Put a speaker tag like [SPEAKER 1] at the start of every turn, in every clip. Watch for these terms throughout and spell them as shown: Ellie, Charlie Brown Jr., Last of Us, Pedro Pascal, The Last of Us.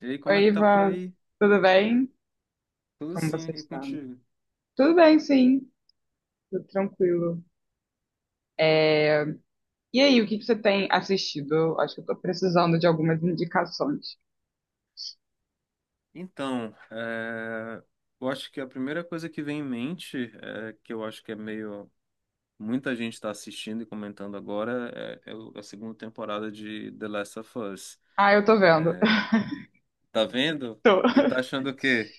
[SPEAKER 1] E aí, como é
[SPEAKER 2] Oi,
[SPEAKER 1] que tá por
[SPEAKER 2] Ivan,
[SPEAKER 1] aí?
[SPEAKER 2] tudo bem?
[SPEAKER 1] Tudo
[SPEAKER 2] Como
[SPEAKER 1] sim,
[SPEAKER 2] você
[SPEAKER 1] e
[SPEAKER 2] está?
[SPEAKER 1] contigo?
[SPEAKER 2] Tudo bem, sim, tudo tranquilo. É, E aí, o que que você tem assistido? Eu Acho que eu tô precisando de algumas indicações.
[SPEAKER 1] Então, é, eu acho que a primeira coisa que vem em mente, que eu acho que é meio. Muita gente está assistindo e comentando agora, a segunda temporada de The Last of Us.
[SPEAKER 2] Ah, eu tô vendo.
[SPEAKER 1] Tá vendo?
[SPEAKER 2] Tô.
[SPEAKER 1] E tá achando o quê?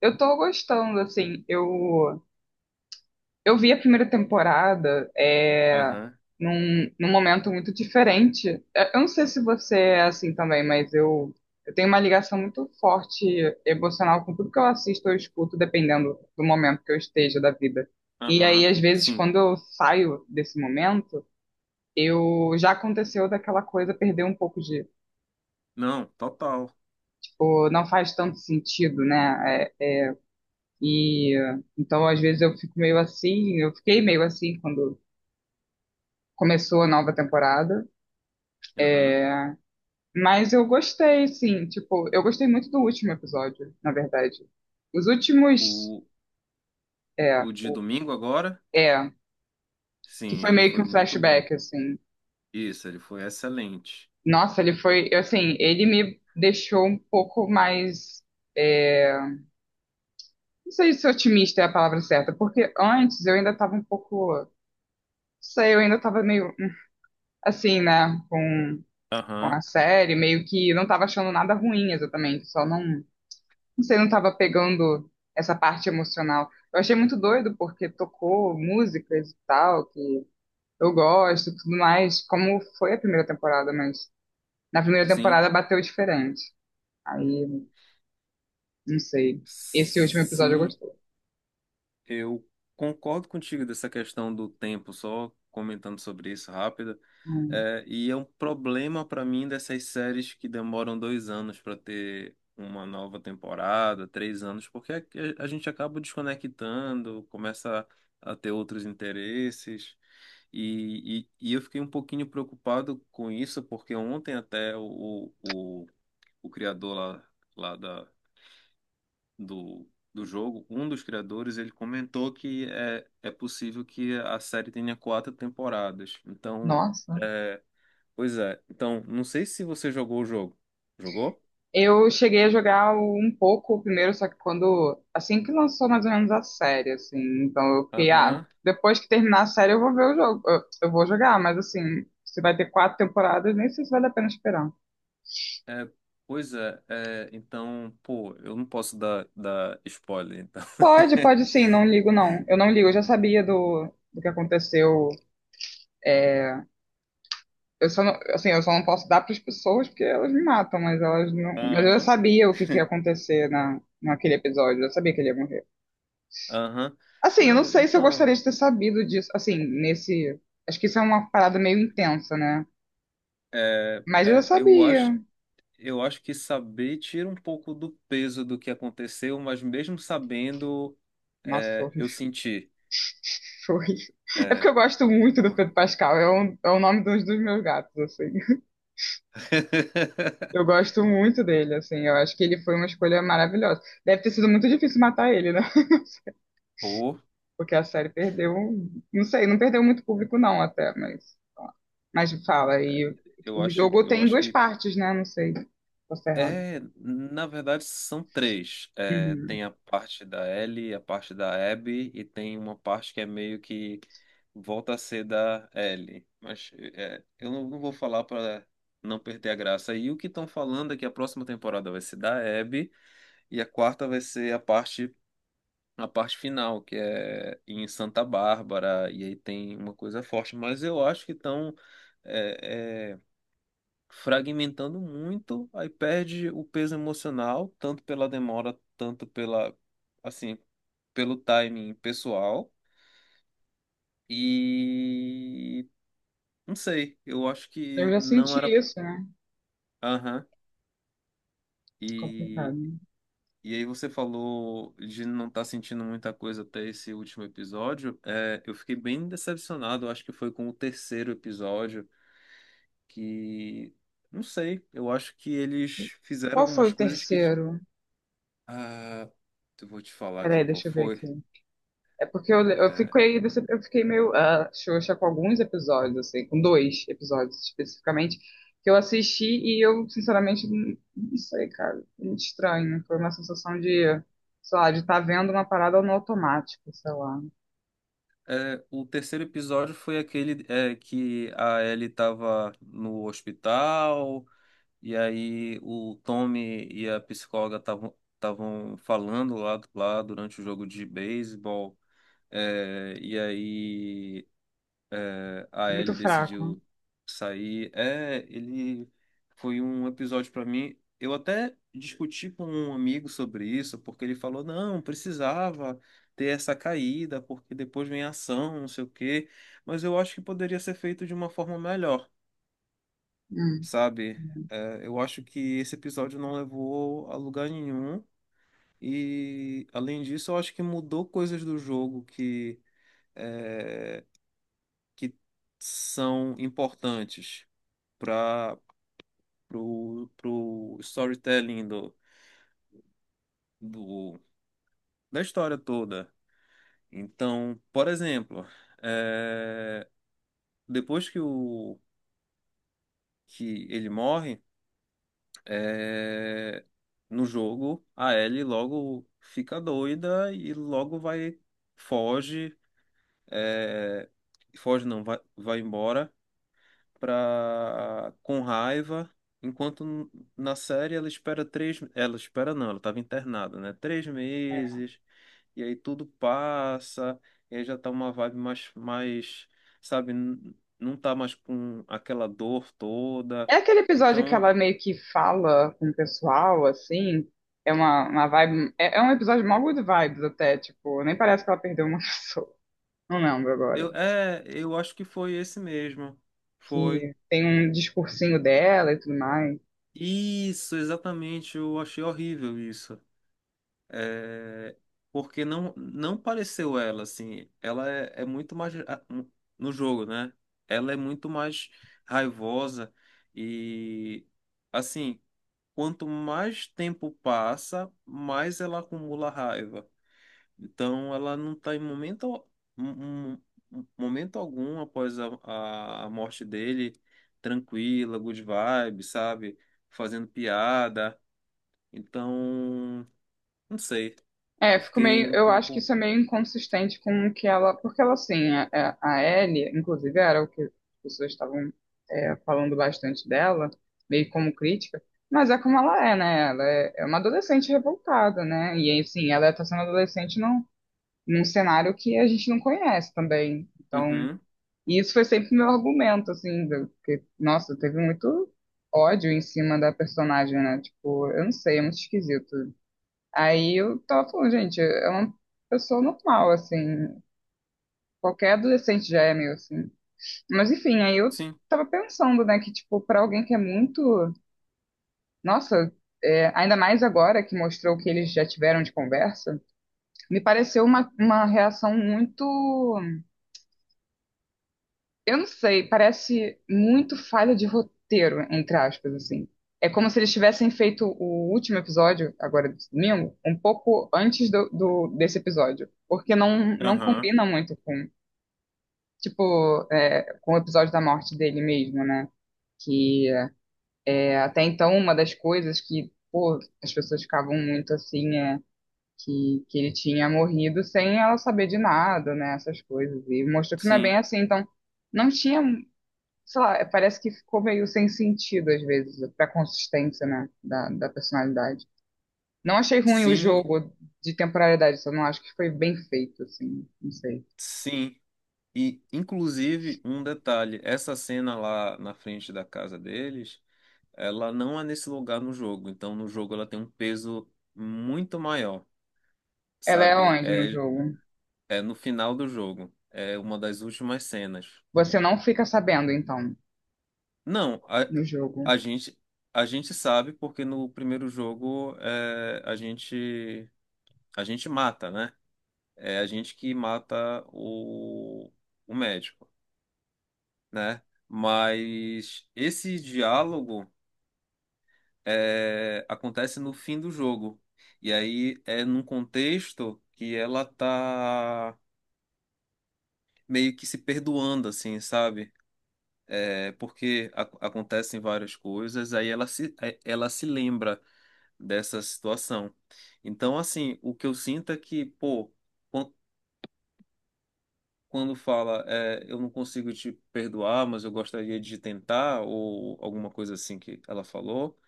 [SPEAKER 2] Eu tô gostando, assim, eu vi a primeira temporada, é,
[SPEAKER 1] Aham,
[SPEAKER 2] num, num momento muito diferente. Eu não sei se você é assim também, mas eu tenho uma ligação muito forte emocional com tudo que eu assisto ou escuto, dependendo do momento que eu esteja da vida. E aí,
[SPEAKER 1] aham,
[SPEAKER 2] às vezes,
[SPEAKER 1] sim.
[SPEAKER 2] quando eu saio desse momento, eu já aconteceu daquela coisa perder um pouco de,
[SPEAKER 1] Não, total.
[SPEAKER 2] tipo, não faz tanto sentido, né? E então, às vezes, eu fico meio assim, eu fiquei meio assim quando começou a nova temporada.
[SPEAKER 1] Aham.
[SPEAKER 2] Mas eu gostei, sim. Tipo, eu gostei muito do último episódio, na verdade. Os últimos.
[SPEAKER 1] O,
[SPEAKER 2] É,
[SPEAKER 1] o de
[SPEAKER 2] o-
[SPEAKER 1] domingo agora?
[SPEAKER 2] é, que
[SPEAKER 1] Sim,
[SPEAKER 2] foi
[SPEAKER 1] ele
[SPEAKER 2] meio que
[SPEAKER 1] foi
[SPEAKER 2] um
[SPEAKER 1] muito bom.
[SPEAKER 2] flashback, assim.
[SPEAKER 1] Isso, ele foi excelente.
[SPEAKER 2] Nossa, ele foi. Assim, ele me deixou um pouco mais. é, não sei se otimista é a palavra certa, porque antes eu ainda tava um pouco. Não sei, eu ainda tava meio. Assim, né? Com
[SPEAKER 1] Aham,
[SPEAKER 2] a série, meio que não tava achando nada ruim exatamente, só não. Você não estava pegando essa parte emocional. Eu achei muito doido porque tocou músicas e tal, que eu gosto e tudo mais, como foi a primeira temporada, mas na primeira
[SPEAKER 1] sim.
[SPEAKER 2] temporada bateu diferente. Aí, não sei. Esse último episódio eu
[SPEAKER 1] Sim,
[SPEAKER 2] gostei.
[SPEAKER 1] eu concordo contigo dessa questão do tempo, só comentando sobre isso rápido.
[SPEAKER 2] Hum.
[SPEAKER 1] É, e é um problema para mim dessas séries que demoram dois anos para ter uma nova temporada, três anos, porque a gente acaba desconectando, começa a ter outros interesses. E eu fiquei um pouquinho preocupado com isso, porque ontem até o criador lá, lá da, do, do jogo, um dos criadores, ele comentou que é possível que a série tenha quatro temporadas. Então,
[SPEAKER 2] Nossa.
[SPEAKER 1] é, pois é. Então, não sei se você jogou o jogo. Jogou?
[SPEAKER 2] Eu cheguei a jogar um pouco o primeiro, só que quando. Assim que lançou mais ou menos a série, assim. Então eu fiquei, ah,
[SPEAKER 1] Aham.
[SPEAKER 2] depois que terminar a série eu vou ver o jogo. Eu vou jogar, mas assim, se vai ter quatro temporadas, nem sei se vale a pena esperar.
[SPEAKER 1] É, pois é, é. Então, pô, eu não posso dar spoiler, então.
[SPEAKER 2] Pode, pode sim, não ligo não. Eu não ligo, eu já sabia do que aconteceu. Eu só não, assim, eu só não posso dar para as pessoas porque elas me matam, mas elas não, mas eu já
[SPEAKER 1] Aham.
[SPEAKER 2] sabia que ia acontecer naquele episódio, eu já sabia que ele ia morrer.
[SPEAKER 1] Aham.
[SPEAKER 2] Assim, eu não
[SPEAKER 1] Não,
[SPEAKER 2] sei se eu
[SPEAKER 1] então,
[SPEAKER 2] gostaria de ter sabido disso, assim, nesse, acho que isso é uma parada meio intensa, né? Mas eu já
[SPEAKER 1] eu
[SPEAKER 2] sabia.
[SPEAKER 1] acho, eu acho que saber tira um pouco do peso do que aconteceu, mas mesmo sabendo,
[SPEAKER 2] Nossa, foi, horrível,
[SPEAKER 1] eu senti.
[SPEAKER 2] foi horrível. É porque
[SPEAKER 1] É,
[SPEAKER 2] eu gosto muito do
[SPEAKER 1] como-
[SPEAKER 2] Pedro Pascal, é é o nome dos meus gatos, assim. Eu gosto muito dele, assim. Eu acho que ele foi uma escolha maravilhosa. Deve ter sido muito difícil matar ele, né?
[SPEAKER 1] Pô,
[SPEAKER 2] Porque a série perdeu. Não sei, não perdeu muito público, não, até, mas. Mas fala, e o jogo
[SPEAKER 1] eu
[SPEAKER 2] tem
[SPEAKER 1] acho
[SPEAKER 2] duas
[SPEAKER 1] que.
[SPEAKER 2] partes, né? Não sei. Posso errado.
[SPEAKER 1] É, na verdade são três. É,
[SPEAKER 2] Uhum.
[SPEAKER 1] tem a parte da Ellie, a parte da Abby e tem uma parte que é meio que volta a ser da Ellie. Mas é, eu não vou falar para não perder a graça. E o que estão falando é que a próxima temporada vai ser da Abby e a quarta vai ser a parte final, que é em Santa Bárbara, e aí tem uma coisa forte, mas eu acho que estão fragmentando muito, aí perde o peso emocional, tanto pela demora, assim, pelo timing pessoal, e não sei, eu acho
[SPEAKER 2] Eu
[SPEAKER 1] que
[SPEAKER 2] já
[SPEAKER 1] não
[SPEAKER 2] senti
[SPEAKER 1] era.
[SPEAKER 2] isso, né?
[SPEAKER 1] Aham. E
[SPEAKER 2] Complicado.
[SPEAKER 1] E aí você falou de não estar sentindo muita coisa até esse último episódio. É, eu fiquei bem decepcionado, acho que foi com o terceiro episódio, que não sei, eu acho que eles fizeram
[SPEAKER 2] Qual foi
[SPEAKER 1] algumas
[SPEAKER 2] o
[SPEAKER 1] coisas que.
[SPEAKER 2] terceiro?
[SPEAKER 1] Ah, eu vou te falar aqui
[SPEAKER 2] Peraí,
[SPEAKER 1] qual
[SPEAKER 2] deixa eu ver
[SPEAKER 1] foi.
[SPEAKER 2] aqui. É porque eu
[SPEAKER 1] É,
[SPEAKER 2] fiquei, eu fiquei meio ah, xoxa com alguns episódios, assim, com dois episódios especificamente, que eu assisti e eu, sinceramente, não, não sei, cara. Foi muito estranho. Foi uma sensação de, sei lá, de estar vendo uma parada no automático, sei lá.
[SPEAKER 1] o terceiro episódio foi aquele que a Ellie estava no hospital. E aí o Tommy e a psicóloga estavam falando lá durante o jogo de beisebol. é, e aí a
[SPEAKER 2] Muito
[SPEAKER 1] Ellie
[SPEAKER 2] fraco.
[SPEAKER 1] decidiu sair. É, ele foi um episódio para mim. Eu até discuti com um amigo sobre isso, porque ele falou, não, precisava ter essa caída, porque depois vem a ação, não sei o quê. Mas eu acho que poderia ser feito de uma forma melhor,
[SPEAKER 2] Hum.
[SPEAKER 1] sabe? É, eu acho que esse episódio não levou a lugar nenhum. E, além disso, eu acho que mudou coisas do jogo que, é, que são importantes para pro storytelling do, da história toda. Então, por exemplo, é, depois que ele morre. é, no jogo, a Ellie logo fica doida e logo vai, foge, é, foge não, vai, vai embora pra, com raiva, enquanto na série ela ela espera não, ela estava internada, né? Três meses, e aí tudo passa, e aí já tá uma vibe mais, sabe, não tá mais com aquela dor toda,
[SPEAKER 2] É aquele episódio que
[SPEAKER 1] então
[SPEAKER 2] ela meio que fala com o pessoal, assim. É uma vibe. É um episódio mó good vibes até, tipo, nem parece que ela perdeu uma pessoa. Não lembro agora.
[SPEAKER 1] eu, eu acho que foi esse mesmo. Foi.
[SPEAKER 2] Que tem um discursinho dela e tudo mais.
[SPEAKER 1] Isso, exatamente. Eu achei horrível isso. É, porque não pareceu ela, assim. Ela é muito mais. No jogo, né? Ela é muito mais raivosa. E, assim, quanto mais tempo passa, mais ela acumula raiva. Então, ela não está em momento, um- um- momento algum após a morte dele, tranquila, good vibe, sabe? Fazendo piada. Então, não sei.
[SPEAKER 2] É,
[SPEAKER 1] Eu
[SPEAKER 2] fico
[SPEAKER 1] fiquei
[SPEAKER 2] meio,
[SPEAKER 1] um
[SPEAKER 2] eu acho que
[SPEAKER 1] pouco.
[SPEAKER 2] isso é meio inconsistente com o que ela, porque ela assim, a Ellie, inclusive era o que as pessoas estavam falando bastante dela, meio como crítica, mas é como ela é, né? Ela é uma adolescente revoltada, né? E assim, ela está sendo adolescente num cenário que a gente não conhece também. Então,
[SPEAKER 1] Uhum,
[SPEAKER 2] e isso foi sempre meu argumento, assim, do, que, nossa, teve muito ódio em cima da personagem, né? Tipo, eu não sei, é muito esquisito. Aí eu tava falando, gente, é uma pessoa normal, assim, qualquer adolescente já é meio assim. Mas enfim, aí eu
[SPEAKER 1] sim.
[SPEAKER 2] tava pensando, né, que, tipo, pra alguém que é muito. Nossa, é, ainda mais agora que mostrou o que eles já tiveram de conversa, me pareceu uma reação muito, eu não sei, parece muito falha de roteiro, entre aspas, assim. É como se eles tivessem feito o último episódio, agora do domingo, um pouco antes desse episódio. Porque não, não
[SPEAKER 1] Aham,
[SPEAKER 2] combina muito com, tipo, é, com o episódio da morte dele mesmo, né? Que é, até então uma das coisas que, pô, as pessoas ficavam muito assim, que ele tinha morrido sem ela saber de nada, né? Essas coisas. E mostrou que não é bem
[SPEAKER 1] sim.
[SPEAKER 2] assim, então não tinha, sei lá, é, parece que ficou meio sem sentido às vezes, pra consistência, né, da personalidade. Não achei ruim o
[SPEAKER 1] Sim,
[SPEAKER 2] jogo de temporalidade, só não acho que foi bem feito, assim, não sei.
[SPEAKER 1] sim. E, inclusive, um detalhe: essa cena lá na frente da casa deles, ela não é nesse lugar no jogo. Então, no jogo, ela tem um peso muito maior,
[SPEAKER 2] Ela é
[SPEAKER 1] sabe?
[SPEAKER 2] onde no
[SPEAKER 1] É
[SPEAKER 2] jogo?
[SPEAKER 1] É no final do jogo. É uma das últimas cenas.
[SPEAKER 2] Você não fica sabendo, então,
[SPEAKER 1] Não,
[SPEAKER 2] no jogo.
[SPEAKER 1] a gente sabe porque no primeiro jogo a gente mata, né? É a gente que mata o médico, né? Mas esse diálogo acontece no fim do jogo. E aí é num contexto que ela tá meio que se perdoando, assim, sabe? Porque acontecem várias coisas, aí ela se, é- ela se lembra dessa situação. Então, assim, o que eu sinto é que, pô, quan- quando fala, eu não consigo te perdoar, mas eu gostaria de tentar, ou alguma coisa assim que ela falou,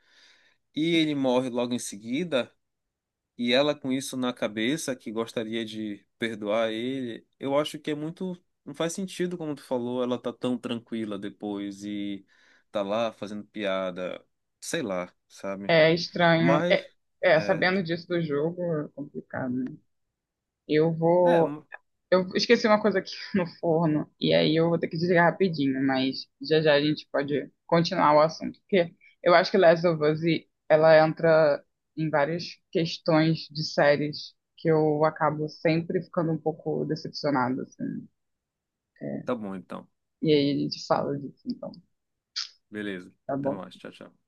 [SPEAKER 1] e ele morre logo em seguida. E ela com isso na cabeça, que gostaria de perdoar ele, eu acho que é muito. Não faz sentido, como tu falou, ela tá tão tranquila depois e tá lá fazendo piada, sei lá, sabe?
[SPEAKER 2] É estranho.
[SPEAKER 1] Mas, é.
[SPEAKER 2] Sabendo disso do jogo é complicado, né? Eu
[SPEAKER 1] É,
[SPEAKER 2] vou. Eu esqueci uma coisa aqui no forno e aí eu vou ter que desligar rapidinho, mas já já a gente pode continuar o assunto, porque eu acho que Last of Us ela entra em várias questões de séries que eu acabo sempre ficando um pouco decepcionada, assim. é,
[SPEAKER 1] tá bom então.
[SPEAKER 2] E aí a gente fala disso, então,
[SPEAKER 1] Beleza.
[SPEAKER 2] tá
[SPEAKER 1] Até
[SPEAKER 2] bom?
[SPEAKER 1] mais. Tchau, tchau.